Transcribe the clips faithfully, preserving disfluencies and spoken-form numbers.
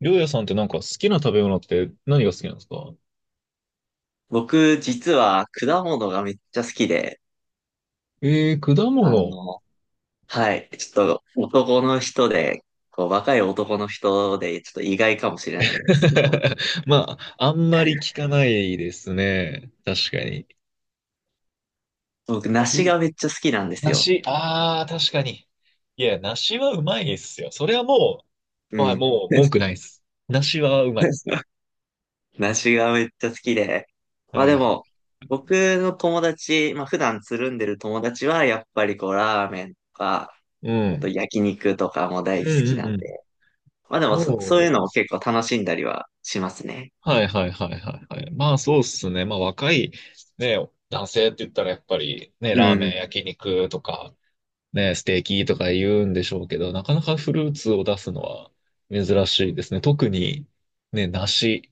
りょうやさんってなんか好きな食べ物って何が好きなんですか？僕、実は果物がめっちゃ好きで、えー、果あ物。の、はい、ちょっと男の人で、こう、若い男の人で、ちょっと意外かもしれないんですけど、まあ、あんまり聞かないですね。確かに。僕、う梨ん。がめっちゃ好きなんですよ。梨、ああ、確かに。いや、梨はうまいですよ。それはもうう、はい、ん。もう文句ないです。梨はうまい。梨がめっちゃ好きで。はまあいではい。も、僕の友達、まあ普段つるんでる友達は、やっぱりこう、ラーメンとか、うあとん。焼肉とかもう大好んきうんなんうん。で。まあでもそ、そういうもう、のを結構楽しんだりはしますね。はいはいはいはいはい。まあそうっすね。まあ若い、ね、男性って言ったらやっぱりね、うラーメン、ん。焼肉とか、ね、ステーキとか言うんでしょうけど、なかなかフルーツを出すのは珍しいですね。特に、ね、梨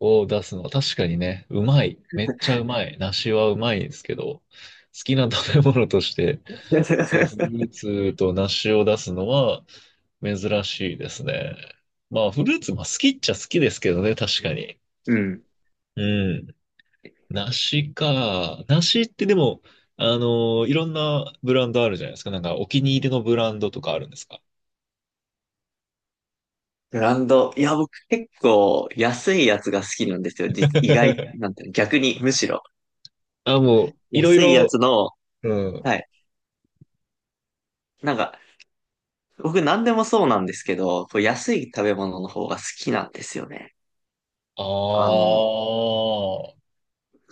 を出すのは確かにね、うまい。めっちゃうまい。梨はうまいんですけど、好きな食べ物として、ね、フル ーツと梨を出すのは珍しいですね。まあ、フルーツまあ好きっちゃ好きですけどね、確かに。うん。うん。梨か。梨ってでも、あのいろんなブランドあるじゃないですか。なんかお気に入りのブランドとかあるんですか？ ブランド。いや、僕結構安いやつが好きなんですよ。実意外、なん ていうの、逆に、むしろ。あ、もう、いろい安いやろ、つの、うん。はい。なんか、僕何でもそうなんですけど、こう安い食べ物の方が好きなんですよね。ああの、あ、は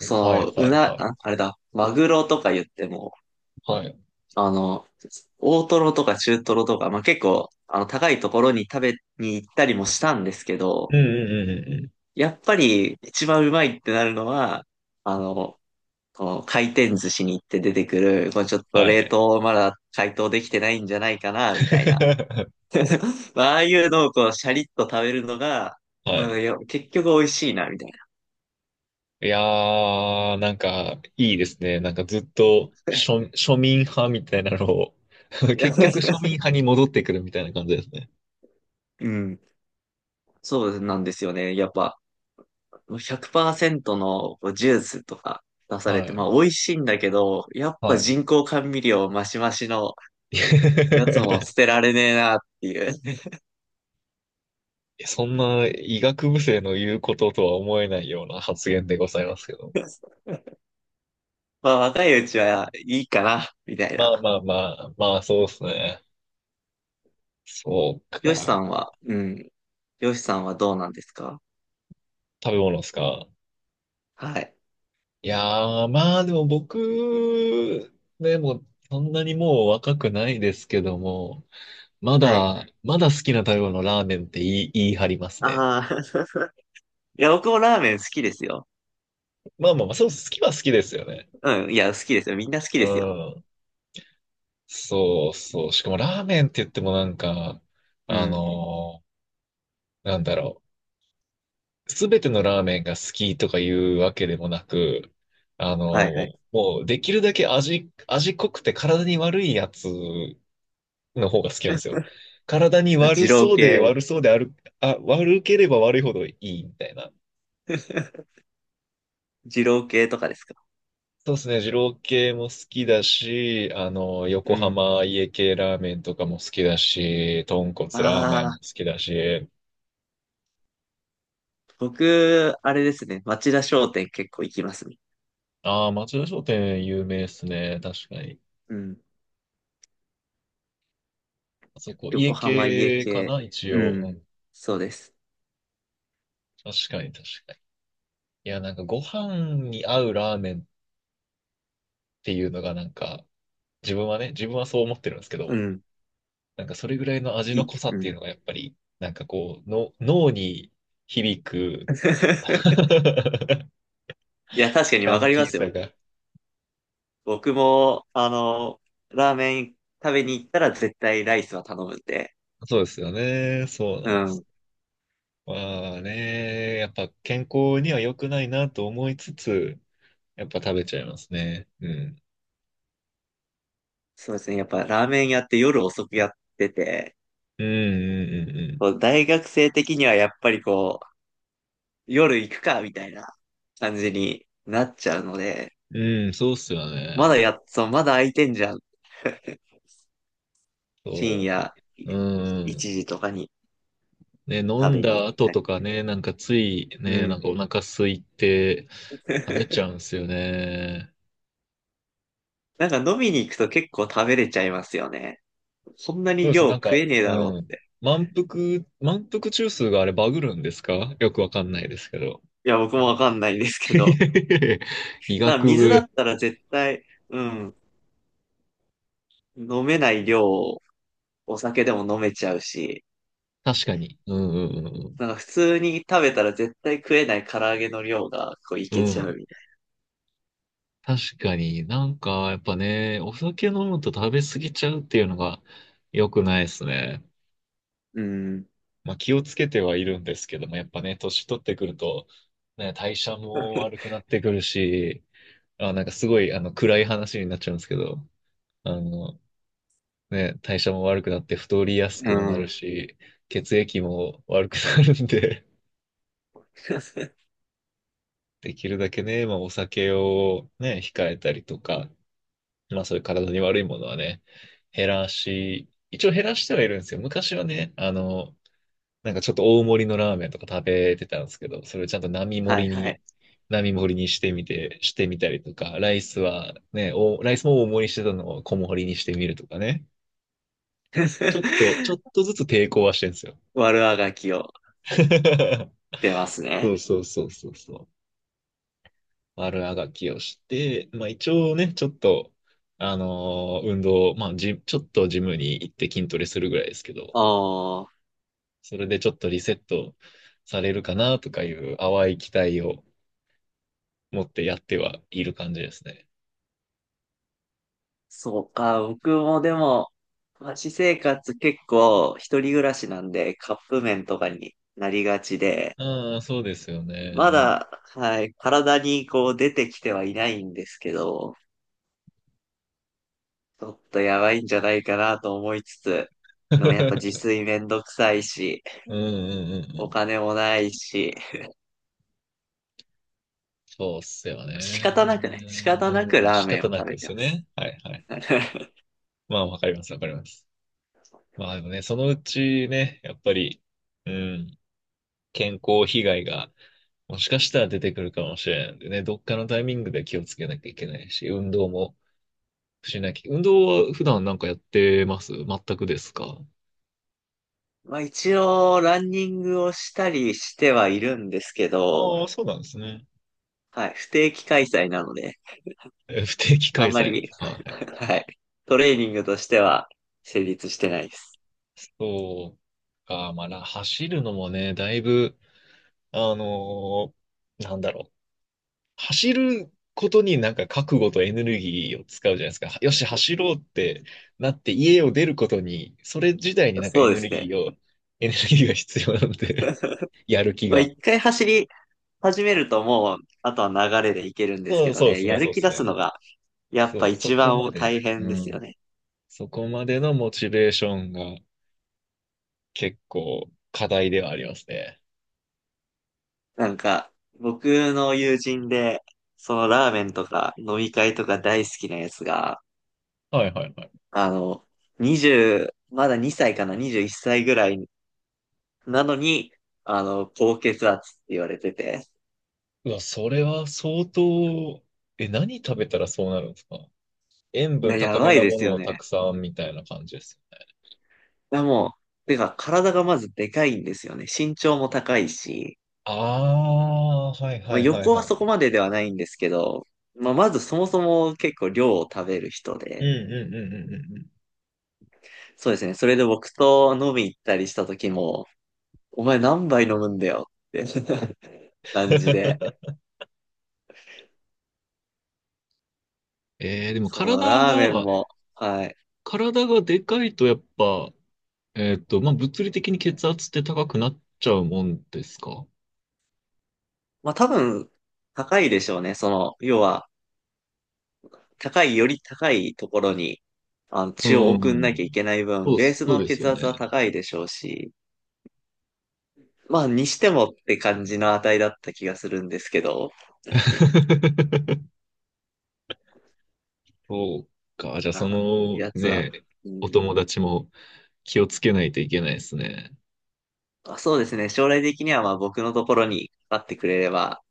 いはの、ういな、はい。あ、あれだ、マグロとか言っても、はい。あの、大トロとか中トロとか、まあ、結構、あの、高いところに食べに行ったりもしたんですけど、うんうんうんうんうん。やっぱり一番うまいってなるのは、あの、この回転寿司に行って出てくる、こうちょっとは冷い。凍まだ解凍できてないんじゃないかな、みたいな。まあ、ああいうのをこう、シャリッと食べるのが、はまい。あ、いや結局美味しいな、みたいな。いやー、なんか、いいですね。なんかずっと庶、庶民派みたいなのを、 結局庶 民派に戻ってくるみたいな感じですね。うん。そうなんですよね。やっぱ、ひゃくパーセントのこうジュースとか出されはて、い。まあ、美味しいんだけど、やっぱは人工甘味料マシマシのい。やつも捨て られねえな、っていう。いや、そんな医学部生の言うこととは思えないような発言でございますけど。まあ、若いうちはいいかな、みたいまあな。まあまあ、まあそうですね。そうよしさか。んは、うん、よしさんはどうなんですか？食べ物ですか。はい。いやー、まあでも僕、でもそんなにもう若くないですけども、まはい。だ、まだ好きな食べ物ラーメンって言い、言い張りますね。ああ、いや、僕もラーメン好きですよ。まあまあまあ、そう、好きは好きですよね。うん。いや、好きですよ。みんな好きうですよ。ん。そうそう。しかもラーメンって言ってもなんか、うあん。のーなんだろう。すべてのラーメンが好きとかいうわけでもなく、あのはいはい。ーもうできるだけ味、味濃くて体に悪いやつの方が好きなんですよ。体にあ、悪二郎そうで系。悪そうである、あ、悪ければ悪いほどいいみたいな。二郎系とかですか？そうですね、二郎系も好きだし、あの、う横ん。浜家系ラーメンとかも好きだし、豚骨ラーメンあも好あ、きだし、僕、あれですね。町田商店結構行きますね。ああ、町田商店有名ですね、確かに。うん。あそこ、家横浜家系か系。な、一う応。うん。ん、そうです。確かに確かに。いや、なんかご飯に合うラーメンっていうのがなんか、自分はね、自分はそう思ってるんですけうど、ん。なんかそれぐらいの味いのい。濃さっうていうん。のがやっぱり、なんかこう、の脳に響く。 いや、確かにヤわかンりキまーすさよ。が。僕も、あの、ラーメン食べに行ったら絶対ライスは頼むんで。そうですよね。そうなんうです。ん。まあね、やっぱ健康には良くないなと思いつつ、やっぱ食べちゃいますね。うん。そうですね。やっぱラーメン屋って夜遅くやってて、うんうんうこう大学生的にはやっぱりこう、夜行くか、みたいな感じになっちゃうので、んうん。うん、そうっすよまだね。やっ、そう、まだ空いてんじゃん。深そ夜う。う1ん。時とかにね、飲食んべに行だっ後たとり。かね、なんかついうね、なんん。かお腹空いて食べ ちゃうんすよね。なんか飲みに行くと結構食べれちゃいますよね。そんなそうにですね。量なん食か、えねえだろううっん。て。満腹、満腹中枢があれバグるんですか？よくわかんないですけど。いや、僕もわかんないんですけど。医なんか学水だ部、ったら絶対、うん、飲めない量をお酒でも飲めちゃうし、確かに。うんうんうんなんか普通に食べたら絶対食えない唐揚げの量がこういうけちゃん。うみたい確かになんか、やっぱね、お酒飲むと食べ過ぎちゃうっていうのが良くないですね。な。うん。まあ気をつけてはいるんですけども、やっぱね、年取ってくると、ね、代謝も悪くなってくるし、あ、なんかすごい、あの、暗い話になっちゃうんですけど、あの、ね、代謝も悪くなって太りやすうくもなるん。し、血液も悪くなるんで、できるだけね、まあお酒をね、控えたりとか、まあそういう体に悪いものはね、減らし、一応減らしてはいるんですよ。昔はね、あの、なんかちょっと大盛りのラーメンとか食べてたんですけど、それをちゃんと並は盛いりはい。に、並盛りにしてみて、してみたりとか、ライスはね、お、ライスも大盛りしてたのを小盛りにしてみるとかね。ちょっと、ちょっ とずつ抵抗はしてるんですよ。悪あがきを 出ますそね。うそうそうそうそう。悪あがきをして、まあ一応ね、ちょっと、あのー運動、まあジ、ちょっとジムに行って筋トレするぐらいですけど、ああ、それでちょっとリセットされるかなとかいう淡い期待を持ってやってはいる感じですね。そうか。僕もでも、私生活結構一人暮らしなんでカップ麺とかになりがちで、ああ、そうですよね。うまん。だ、はい、体にこう出てきてはいないんですけど、ちょっとやばいんじゃないかなと思いつつ、でもやっぱ自 炊めんどくさいし、うんうんうんうおん。金もないし、そうっすよ仕方ね。なくね、仕方なくうん、ラー仕メンを方な食くべでてすまよす。ね。はいはい。まあわかりますわかります。まあでもね、そのうちね、やっぱり、うん。健康被害がもしかしたら出てくるかもしれないんでね、どっかのタイミングで気をつけなきゃいけないし、運動もしなきゃ。運動は普段なんかやってます？全くですか？まあ一応、ランニングをしたりしてはいるんですけど、ああ、そうなんですね。はい、不定期開催なので、え、不定期開あんま催なんでり す。はい。はい、トレーニングとしては成立してないです。そうか、まあ、な走るのもね、だいぶ、あのーなんだろう。走ることになんか覚悟とエネルギーを使うじゃないですか。よし、走ろうってなって家を出ることに、それ自体になんかエそうでネルすギね。ーを、エネルギーが必要なんで、やる気まあが。一回走り始めるともう、あとは流れでいけるんですそけう、どそうでね、すね、やるそうで気す出すのね。が、やっそぱう、そ一こ番ま大で、変うですよん。ね。そこまでのモチベーションが結構課題ではありますね。なんか、僕の友人で、そのラーメンとか飲み会とか大好きなやつが、はいはいはい。あの、にじゅう、まだにさいかな、にじゅういっさいぐらいなのに、あの、高血圧って言われてて。うわ、それは相当、え、何食べたらそうなるんですか？塩いや、分や高めばいなでもすのよをたね。くさんみたいな感じです。いや、もう、てか、体がまずでかいんですよね。身長も高いし、ああー、はいまはあ、いはい横ははいそはこい。までではないんですけど、まあ、まずそもそも結構量を食べる人うんうで、んうんうんうんうん。そうですね。それで僕と飲み行ったりした時も、お前何杯飲むんだよって 感じで。えー、でもそう、体ラーメンが、も、はい。体がでかいとやっぱ、えっと、まあ、物理的に血圧って高くなっちゃうもんですか？まあ多分、高いでしょうね。その、要は、高い、より高いところに、あの、血をう送んなきゃいん。けない分、そうっベーす、スそうのです血よ圧はね。高いでしょうし、まあ、にしてもって感じの値だった気がするんですけど、そうか。じゃあ、まそあ、のやつは、ね、うおん、友達も気をつけないといけないですね。まあ、そうですね。将来的には、まあ、僕のところにかかってくれれば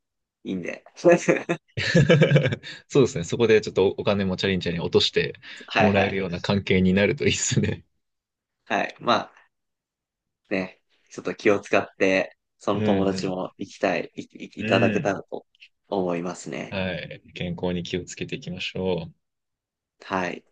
いいんで。そうですね。そこでちょっとお金もチャリンチャリン落としてはもいらはえるよい。うな関係になるといいですね。はい。まあ、ね、ちょっと気を使って、そうんの友う達ん。も行きたい、い、い、ういただけたん。らと思いますね。はい。健康に気をつけていきましょう。はい。